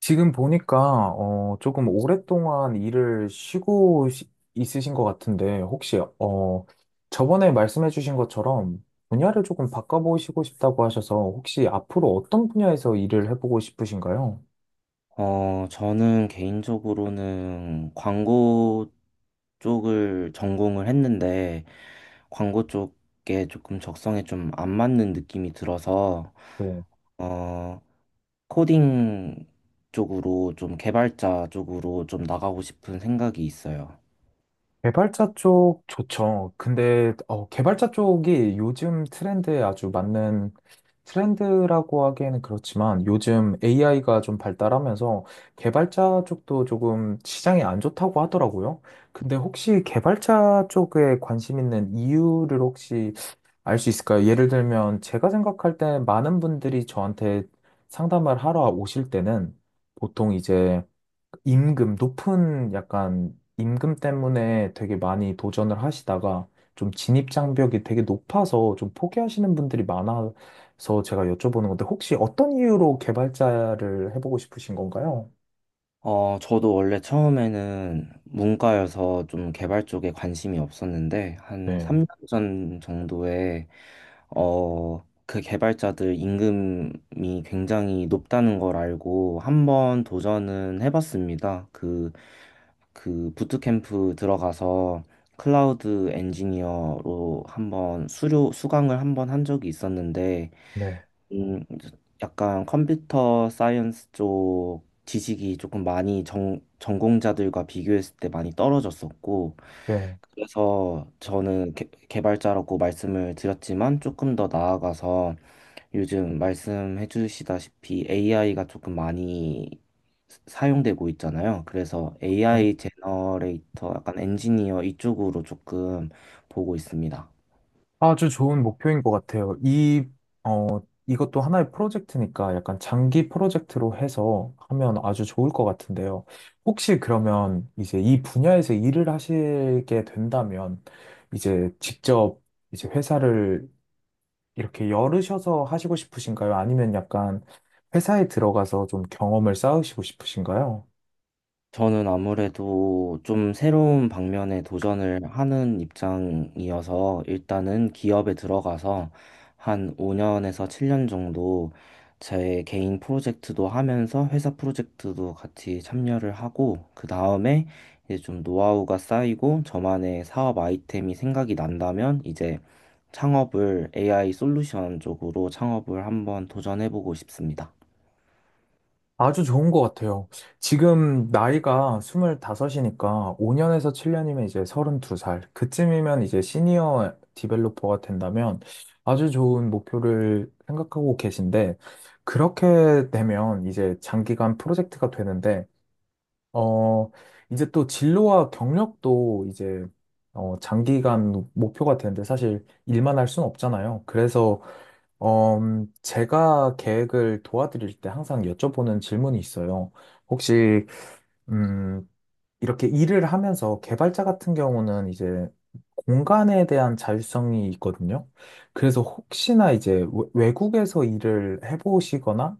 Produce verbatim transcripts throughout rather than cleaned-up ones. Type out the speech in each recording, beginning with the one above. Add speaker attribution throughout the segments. Speaker 1: 지금 보니까 어, 조금 오랫동안 일을 쉬고 시- 있으신 것 같은데 혹시 어, 저번에 말씀해주신 것처럼 분야를 조금 바꿔보시고 싶다고 하셔서 혹시 앞으로 어떤 분야에서 일을 해보고 싶으신가요?
Speaker 2: 어, 저는 개인적으로는 광고 쪽을 전공을 했는데, 광고 쪽에 조금 적성에 좀 안 맞는 느낌이 들어서,
Speaker 1: 뭐,
Speaker 2: 어, 코딩 쪽으로 좀 개발자 쪽으로 좀 나가고 싶은 생각이 있어요.
Speaker 1: 개발자 쪽 좋죠. 근데 어, 개발자 쪽이 요즘 트렌드에 아주 맞는 트렌드라고 하기에는 그렇지만 요즘 에이아이가 좀 발달하면서 개발자 쪽도 조금 시장이 안 좋다고 하더라고요. 근데 혹시 개발자 쪽에 관심 있는 이유를 혹시 알 수 있을까요? 예를 들면 제가 생각할 때 많은 분들이 저한테 상담을 하러 오실 때는 보통 이제 임금, 높은 약간 임금 때문에 되게 많이 도전을 하시다가 좀 진입 장벽이 되게 높아서 좀 포기하시는 분들이 많아서 제가 여쭤보는 건데 혹시 어떤 이유로 개발자를 해보고 싶으신 건가요?
Speaker 2: 어, 저도 원래 처음에는 문과여서 좀 개발 쪽에 관심이 없었는데, 한
Speaker 1: 네.
Speaker 2: 삼 년 전 정도에, 어, 그 개발자들 임금이 굉장히 높다는 걸 알고 한 번 도전은 해봤습니다. 그, 그 부트캠프 들어가서 클라우드 엔지니어로 한번 수료, 수강을 한번 한 적이 있었는데,
Speaker 1: 네.
Speaker 2: 음, 이제 약간 컴퓨터 사이언스 쪽 지식이 조금 많이 전, 전공자들과 비교했을 때 많이 떨어졌었고,
Speaker 1: 네.
Speaker 2: 그래서 저는 개, 개발자라고 말씀을 드렸지만 조금 더 나아가서 요즘 말씀해 주시다시피 에이아이가 조금 많이 사- 사용되고 있잖아요. 그래서 에이아이 제너레이터, 약간 엔지니어 이쪽으로 조금 보고 있습니다.
Speaker 1: 아주 좋은 목표인 것 같아요. 이, 어, 이것도 하나의 프로젝트니까 약간 장기 프로젝트로 해서 하면 아주 좋을 것 같은데요. 혹시 그러면 이제 이 분야에서 일을 하시게 된다면 이제 직접 이제 회사를 이렇게 열으셔서 하시고 싶으신가요? 아니면 약간 회사에 들어가서 좀 경험을 쌓으시고 싶으신가요?
Speaker 2: 저는 아무래도 좀 새로운 방면에 도전을 하는 입장이어서 일단은 기업에 들어가서 한 오 년에서 칠 년 정도 제 개인 프로젝트도 하면서 회사 프로젝트도 같이 참여를 하고 그 다음에 이제 좀 노하우가 쌓이고 저만의 사업 아이템이 생각이 난다면 이제 창업을 에이아이 솔루션 쪽으로 창업을 한번 도전해보고 싶습니다.
Speaker 1: 아주 좋은 것 같아요. 지금 나이가 스물다섯이니까 오 년에서 칠 년이면 이제 서른두 살. 그쯤이면 이제 시니어 디벨로퍼가 된다면 아주 좋은 목표를 생각하고 계신데, 그렇게 되면 이제 장기간 프로젝트가 되는데, 어, 이제 또 진로와 경력도 이제, 어, 장기간 목표가 되는데 사실 일만 할 수는 없잖아요. 그래서 어, 음, 제가 계획을 도와드릴 때 항상 여쭤보는 질문이 있어요. 혹시, 음, 이렇게 일을 하면서 개발자 같은 경우는 이제 공간에 대한 자율성이 있거든요. 그래서 혹시나 이제 외- 외국에서 일을 해보시거나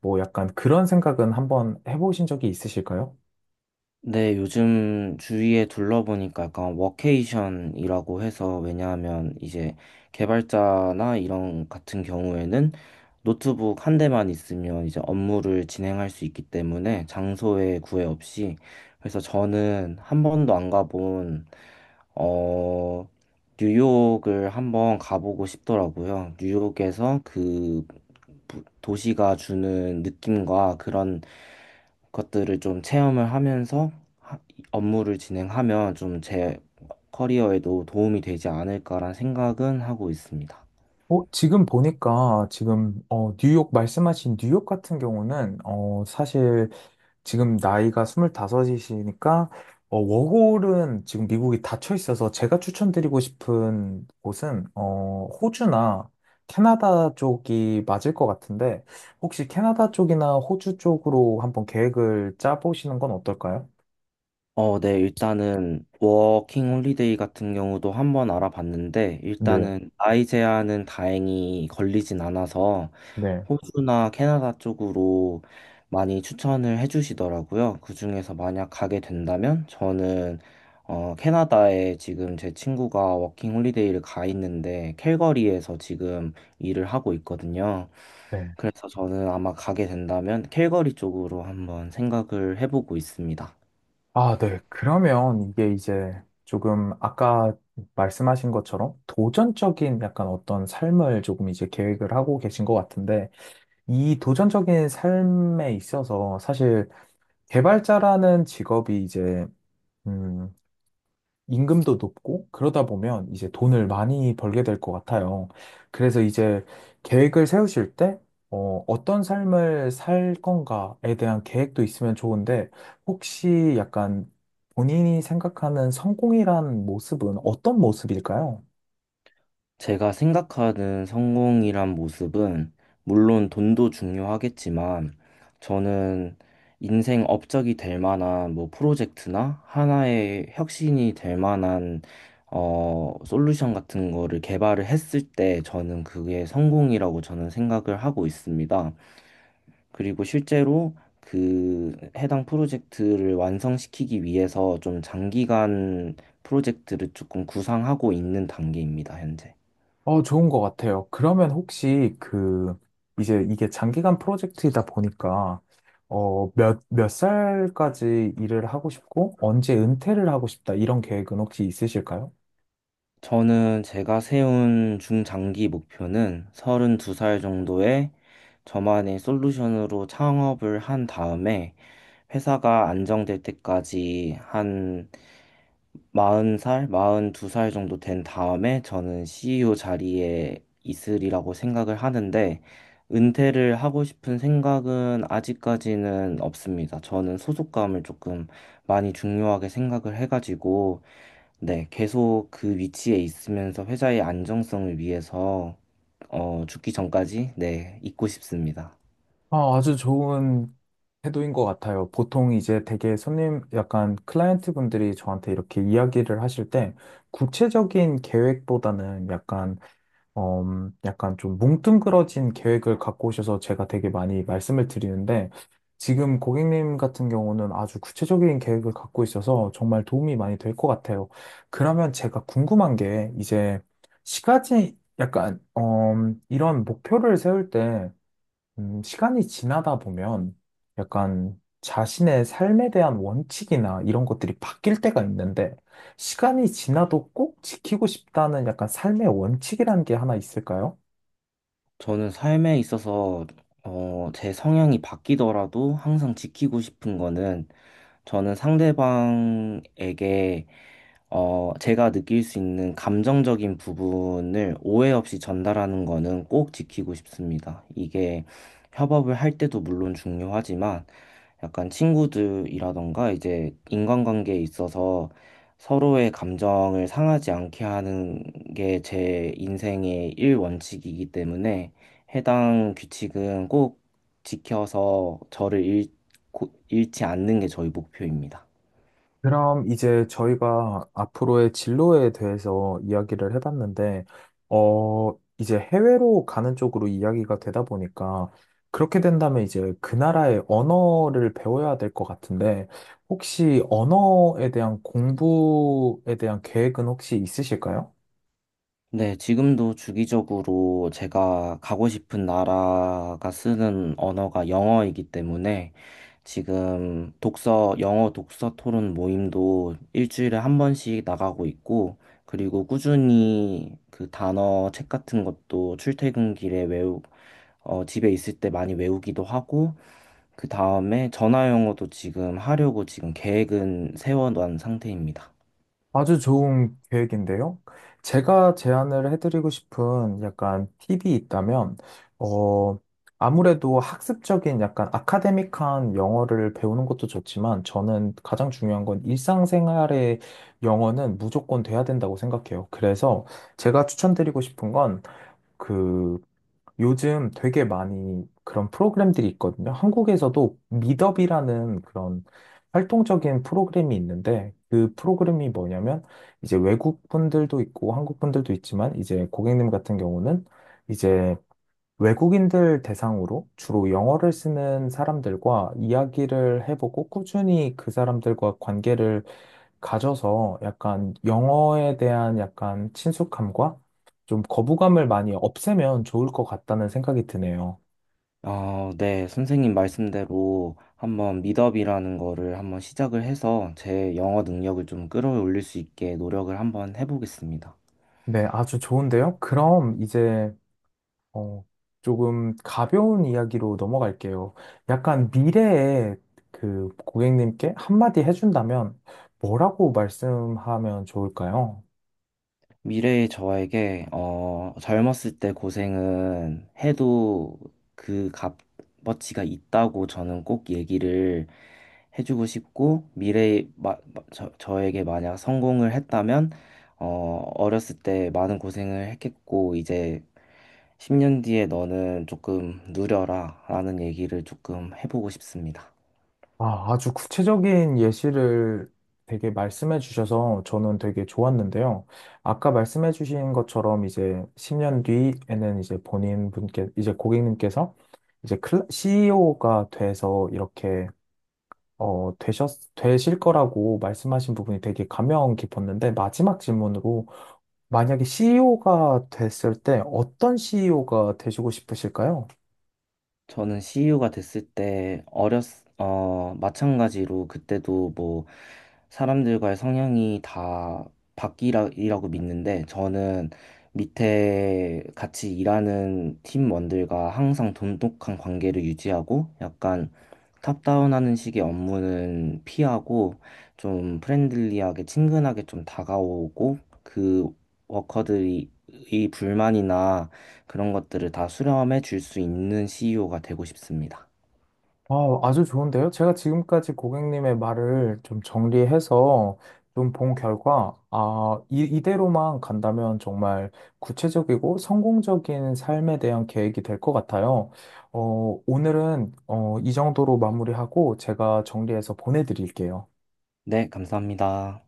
Speaker 1: 뭐 약간 그런 생각은 한번 해보신 적이 있으실까요?
Speaker 2: 네, 요즘 주위에 둘러보니까 약간 워케이션이라고 해서 왜냐하면 이제 개발자나 이런 같은 경우에는 노트북 한 대만 있으면 이제 업무를 진행할 수 있기 때문에 장소에 구애 없이 그래서 저는 한 번도 안 가본 어 뉴욕을 한번 가보고 싶더라고요. 뉴욕에서 그 부- 도시가 주는 느낌과 그런 것들을 좀 체험을 하면서 업무를 진행하면 좀 제 커리어에도 도움이 되지 않을까란 생각은 하고 있습니다.
Speaker 1: 어, 지금 보니까 지금 어, 뉴욕 말씀하신 뉴욕 같은 경우는 어, 사실 지금 나이가 스물다섯이시니까 어, 워홀은 지금 미국이 닫혀 있어서 제가 추천드리고 싶은 곳은, 어, 호주나 캐나다 쪽이 맞을 것 같은데, 혹시 캐나다 쪽이나 호주 쪽으로 한번 계획을 짜보시는 건 어떨까요?
Speaker 2: 어, 네, 일단은 워킹 홀리데이 같은 경우도 한번 알아봤는데
Speaker 1: 네,
Speaker 2: 일단은 나이 제한은 다행히 걸리진 않아서
Speaker 1: 네,
Speaker 2: 호주나 캐나다 쪽으로 많이 추천을 해주시더라고요. 그중에서 만약 가게 된다면 저는 어, 캐나다에 지금 제 친구가 워킹 홀리데이를 가 있는데 캘거리에서 지금 일을 하고 있거든요.
Speaker 1: 네.
Speaker 2: 그래서 저는 아마 가게 된다면 캘거리 쪽으로 한번 생각을 해보고 있습니다.
Speaker 1: 아, 네. 그러면 이게 이제 조금 아까 말씀하신 것처럼 도전적인 약간 어떤 삶을 조금 이제 계획을 하고 계신 것 같은데, 이 도전적인 삶에 있어서 사실 개발자라는 직업이 이제, 음, 임금도 높고 그러다 보면 이제 돈을 많이 벌게 될 것 같아요. 그래서 이제 계획을 세우실 때, 어, 어떤 삶을 살 건가에 대한 계획도 있으면 좋은데, 혹시 약간 본인이 생각하는 성공이란 모습은 어떤 모습일까요?
Speaker 2: 제가 생각하는 성공이란 모습은 물론 돈도 중요하겠지만 저는 인생 업적이 될 만한 뭐 프로젝트나 하나의 혁신이 될 만한 어, 솔루션 같은 거를 개발을 했을 때 저는 그게 성공이라고 저는 생각을 하고 있습니다. 그리고 실제로 그 해당 프로젝트를 완성시키기 위해서 좀 장기간 프로젝트를 조금 구상하고 있는 단계입니다, 현재.
Speaker 1: 어, 좋은 것 같아요. 그러면 혹시 그, 이제 이게 장기간 프로젝트이다 보니까, 어, 몇, 몇 살까지 일을 하고 싶고, 언제 은퇴를 하고 싶다, 이런 계획은 혹시 있으실까요?
Speaker 2: 저는 제가 세운 중장기 목표는 서른두 살 정도에 저만의 솔루션으로 창업을 한 다음에 회사가 안정될 때까지 한 마흔 살 마흔 두 살 정도 된 다음에 저는 씨이오 자리에 있으리라고 생각을 하는데, 은퇴를 하고 싶은 생각은 아직까지는 없습니다. 저는 소속감을 조금 많이 중요하게 생각을 해가지고, 네, 계속 그 위치에 있으면서 회사의 안정성을 위해서, 어, 죽기 전까지, 네, 있고 싶습니다.
Speaker 1: 아, 아주 좋은 태도인 것 같아요. 보통 이제 되게 손님, 약간 클라이언트 분들이 저한테 이렇게 이야기를 하실 때, 구체적인 계획보다는 약간 어, 약간 좀 뭉뚱그러진 계획을 갖고 오셔서 제가 되게 많이 말씀을 드리는데, 지금 고객님 같은 경우는 아주 구체적인 계획을 갖고 있어서 정말 도움이 많이 될 것 같아요. 그러면 제가 궁금한 게, 이제, 시가지, 약간, 어, 이런 목표를 세울 때, 음, 시간이 지나다 보면 약간 자신의 삶에 대한 원칙이나 이런 것들이 바뀔 때가 있는데 시간이 지나도 꼭 지키고 싶다는 약간 삶의 원칙이라는 게 하나 있을까요?
Speaker 2: 저는 삶에 있어서, 어, 제 성향이 바뀌더라도 항상 지키고 싶은 거는 저는 상대방에게 어, 제가 느낄 수 있는 감정적인 부분을 오해 없이 전달하는 거는 꼭 지키고 싶습니다. 이게 협업을 할 때도 물론 중요하지만 약간 친구들이라던가 이제 인간관계에 있어서 서로의 감정을 상하지 않게 하는 게 제 인생의 일원칙이기 때문에 해당 규칙은 꼭 지켜서 저를 잃고, 잃지 않는 게 저희 목표입니다.
Speaker 1: 그럼 이제 저희가 앞으로의 진로에 대해서 이야기를 해봤는데, 어, 이제 해외로 가는 쪽으로 이야기가 되다 보니까, 그렇게 된다면 이제 그 나라의 언어를 배워야 될 것 같은데, 혹시 언어에 대한 공부에 대한 계획은 혹시 있으실까요?
Speaker 2: 네, 지금도 주기적으로 제가 가고 싶은 나라가 쓰는 언어가 영어이기 때문에 지금 독서, 영어 독서 토론 모임도 일주일에 한 번씩 나가고 있고, 그리고 꾸준히 그 단어 책 같은 것도 출퇴근길에 외우, 어, 집에 있을 때 많이 외우기도 하고, 그 다음에 전화 영어도 지금 하려고 지금 계획은 세워놓은 상태입니다.
Speaker 1: 아주 좋은 계획인데요. 제가 제안을 해드리고 싶은 약간 팁이 있다면, 어, 아무래도 학습적인 약간 아카데믹한 영어를 배우는 것도 좋지만, 저는 가장 중요한 건 일상생활의 영어는 무조건 돼야 된다고 생각해요. 그래서 제가 추천드리고 싶은 건, 그, 요즘 되게 많이 그런 프로그램들이 있거든요. 한국에서도 미더비라는 그런 활동적인 프로그램이 있는데 그 프로그램이 뭐냐면 이제 외국 분들도 있고 한국 분들도 있지만 이제 고객님 같은 경우는 이제 외국인들 대상으로 주로 영어를 쓰는 사람들과 이야기를 해보고 꾸준히 그 사람들과 관계를 가져서 약간 영어에 대한 약간 친숙함과 좀 거부감을 많이 없애면 좋을 것 같다는 생각이 드네요.
Speaker 2: 아, 네. 선생님 말씀대로 한번 미더비라는 거를 한번 시작을 해서 제 영어 능력을 좀 끌어올릴 수 있게 노력을 한번 해보겠습니다.
Speaker 1: 네, 아주 좋은데요. 그럼 이제 어, 조금 가벼운 이야기로 넘어갈게요. 약간 미래에 그 고객님께 한마디 해준다면 뭐라고 말씀하면 좋을까요?
Speaker 2: 미래의 저에게, 어, 젊었을 때 고생은 해도 그 값어치가 있다고 저는 꼭 얘기를 해주고 싶고, 미래의 마- 마- 저, 저에게 만약 성공을 했다면, 어, 어렸을 때 많은 고생을 했겠고, 이제 십 년 뒤에 너는 조금 누려라 라는 얘기를 조금 해보고 싶습니다.
Speaker 1: 아, 아주 구체적인 예시를 되게 말씀해 주셔서 저는 되게 좋았는데요. 아까 말씀해 주신 것처럼 이제 십 년 뒤에는 이제 본인 분께, 이제 고객님께서 이제 클라- 씨이오가 돼서 이렇게, 어, 되셨, 되실 거라고 말씀하신 부분이 되게 감명 깊었는데 마지막 질문으로 만약에 씨이오가 됐을 때 어떤 씨이오가 되시고 싶으실까요?
Speaker 2: 저는 씨유가 됐을 때 어렸 어 마찬가지로 그때도 뭐 사람들과의 성향이 다 바뀌라고 믿는데 저는 밑에 같이 일하는 팀원들과 항상 돈독한 관계를 유지하고 약간 탑다운하는 식의 업무는 피하고 좀 프렌들리하게 친근하게 좀 다가오고 그 워커들이 이 불만이나 그런 것들을 다 수렴해 줄 수 있는 씨이오가 되고 싶습니다.
Speaker 1: 아, 아주 좋은데요? 제가 지금까지 고객님의 말을 좀 정리해서 좀 본 결과, 아, 이, 이대로만 간다면 정말 구체적이고 성공적인 삶에 대한 계획이 될 것 같아요. 어, 오늘은 어, 이 정도로 마무리하고 제가 정리해서 보내드릴게요.
Speaker 2: 네, 감사합니다.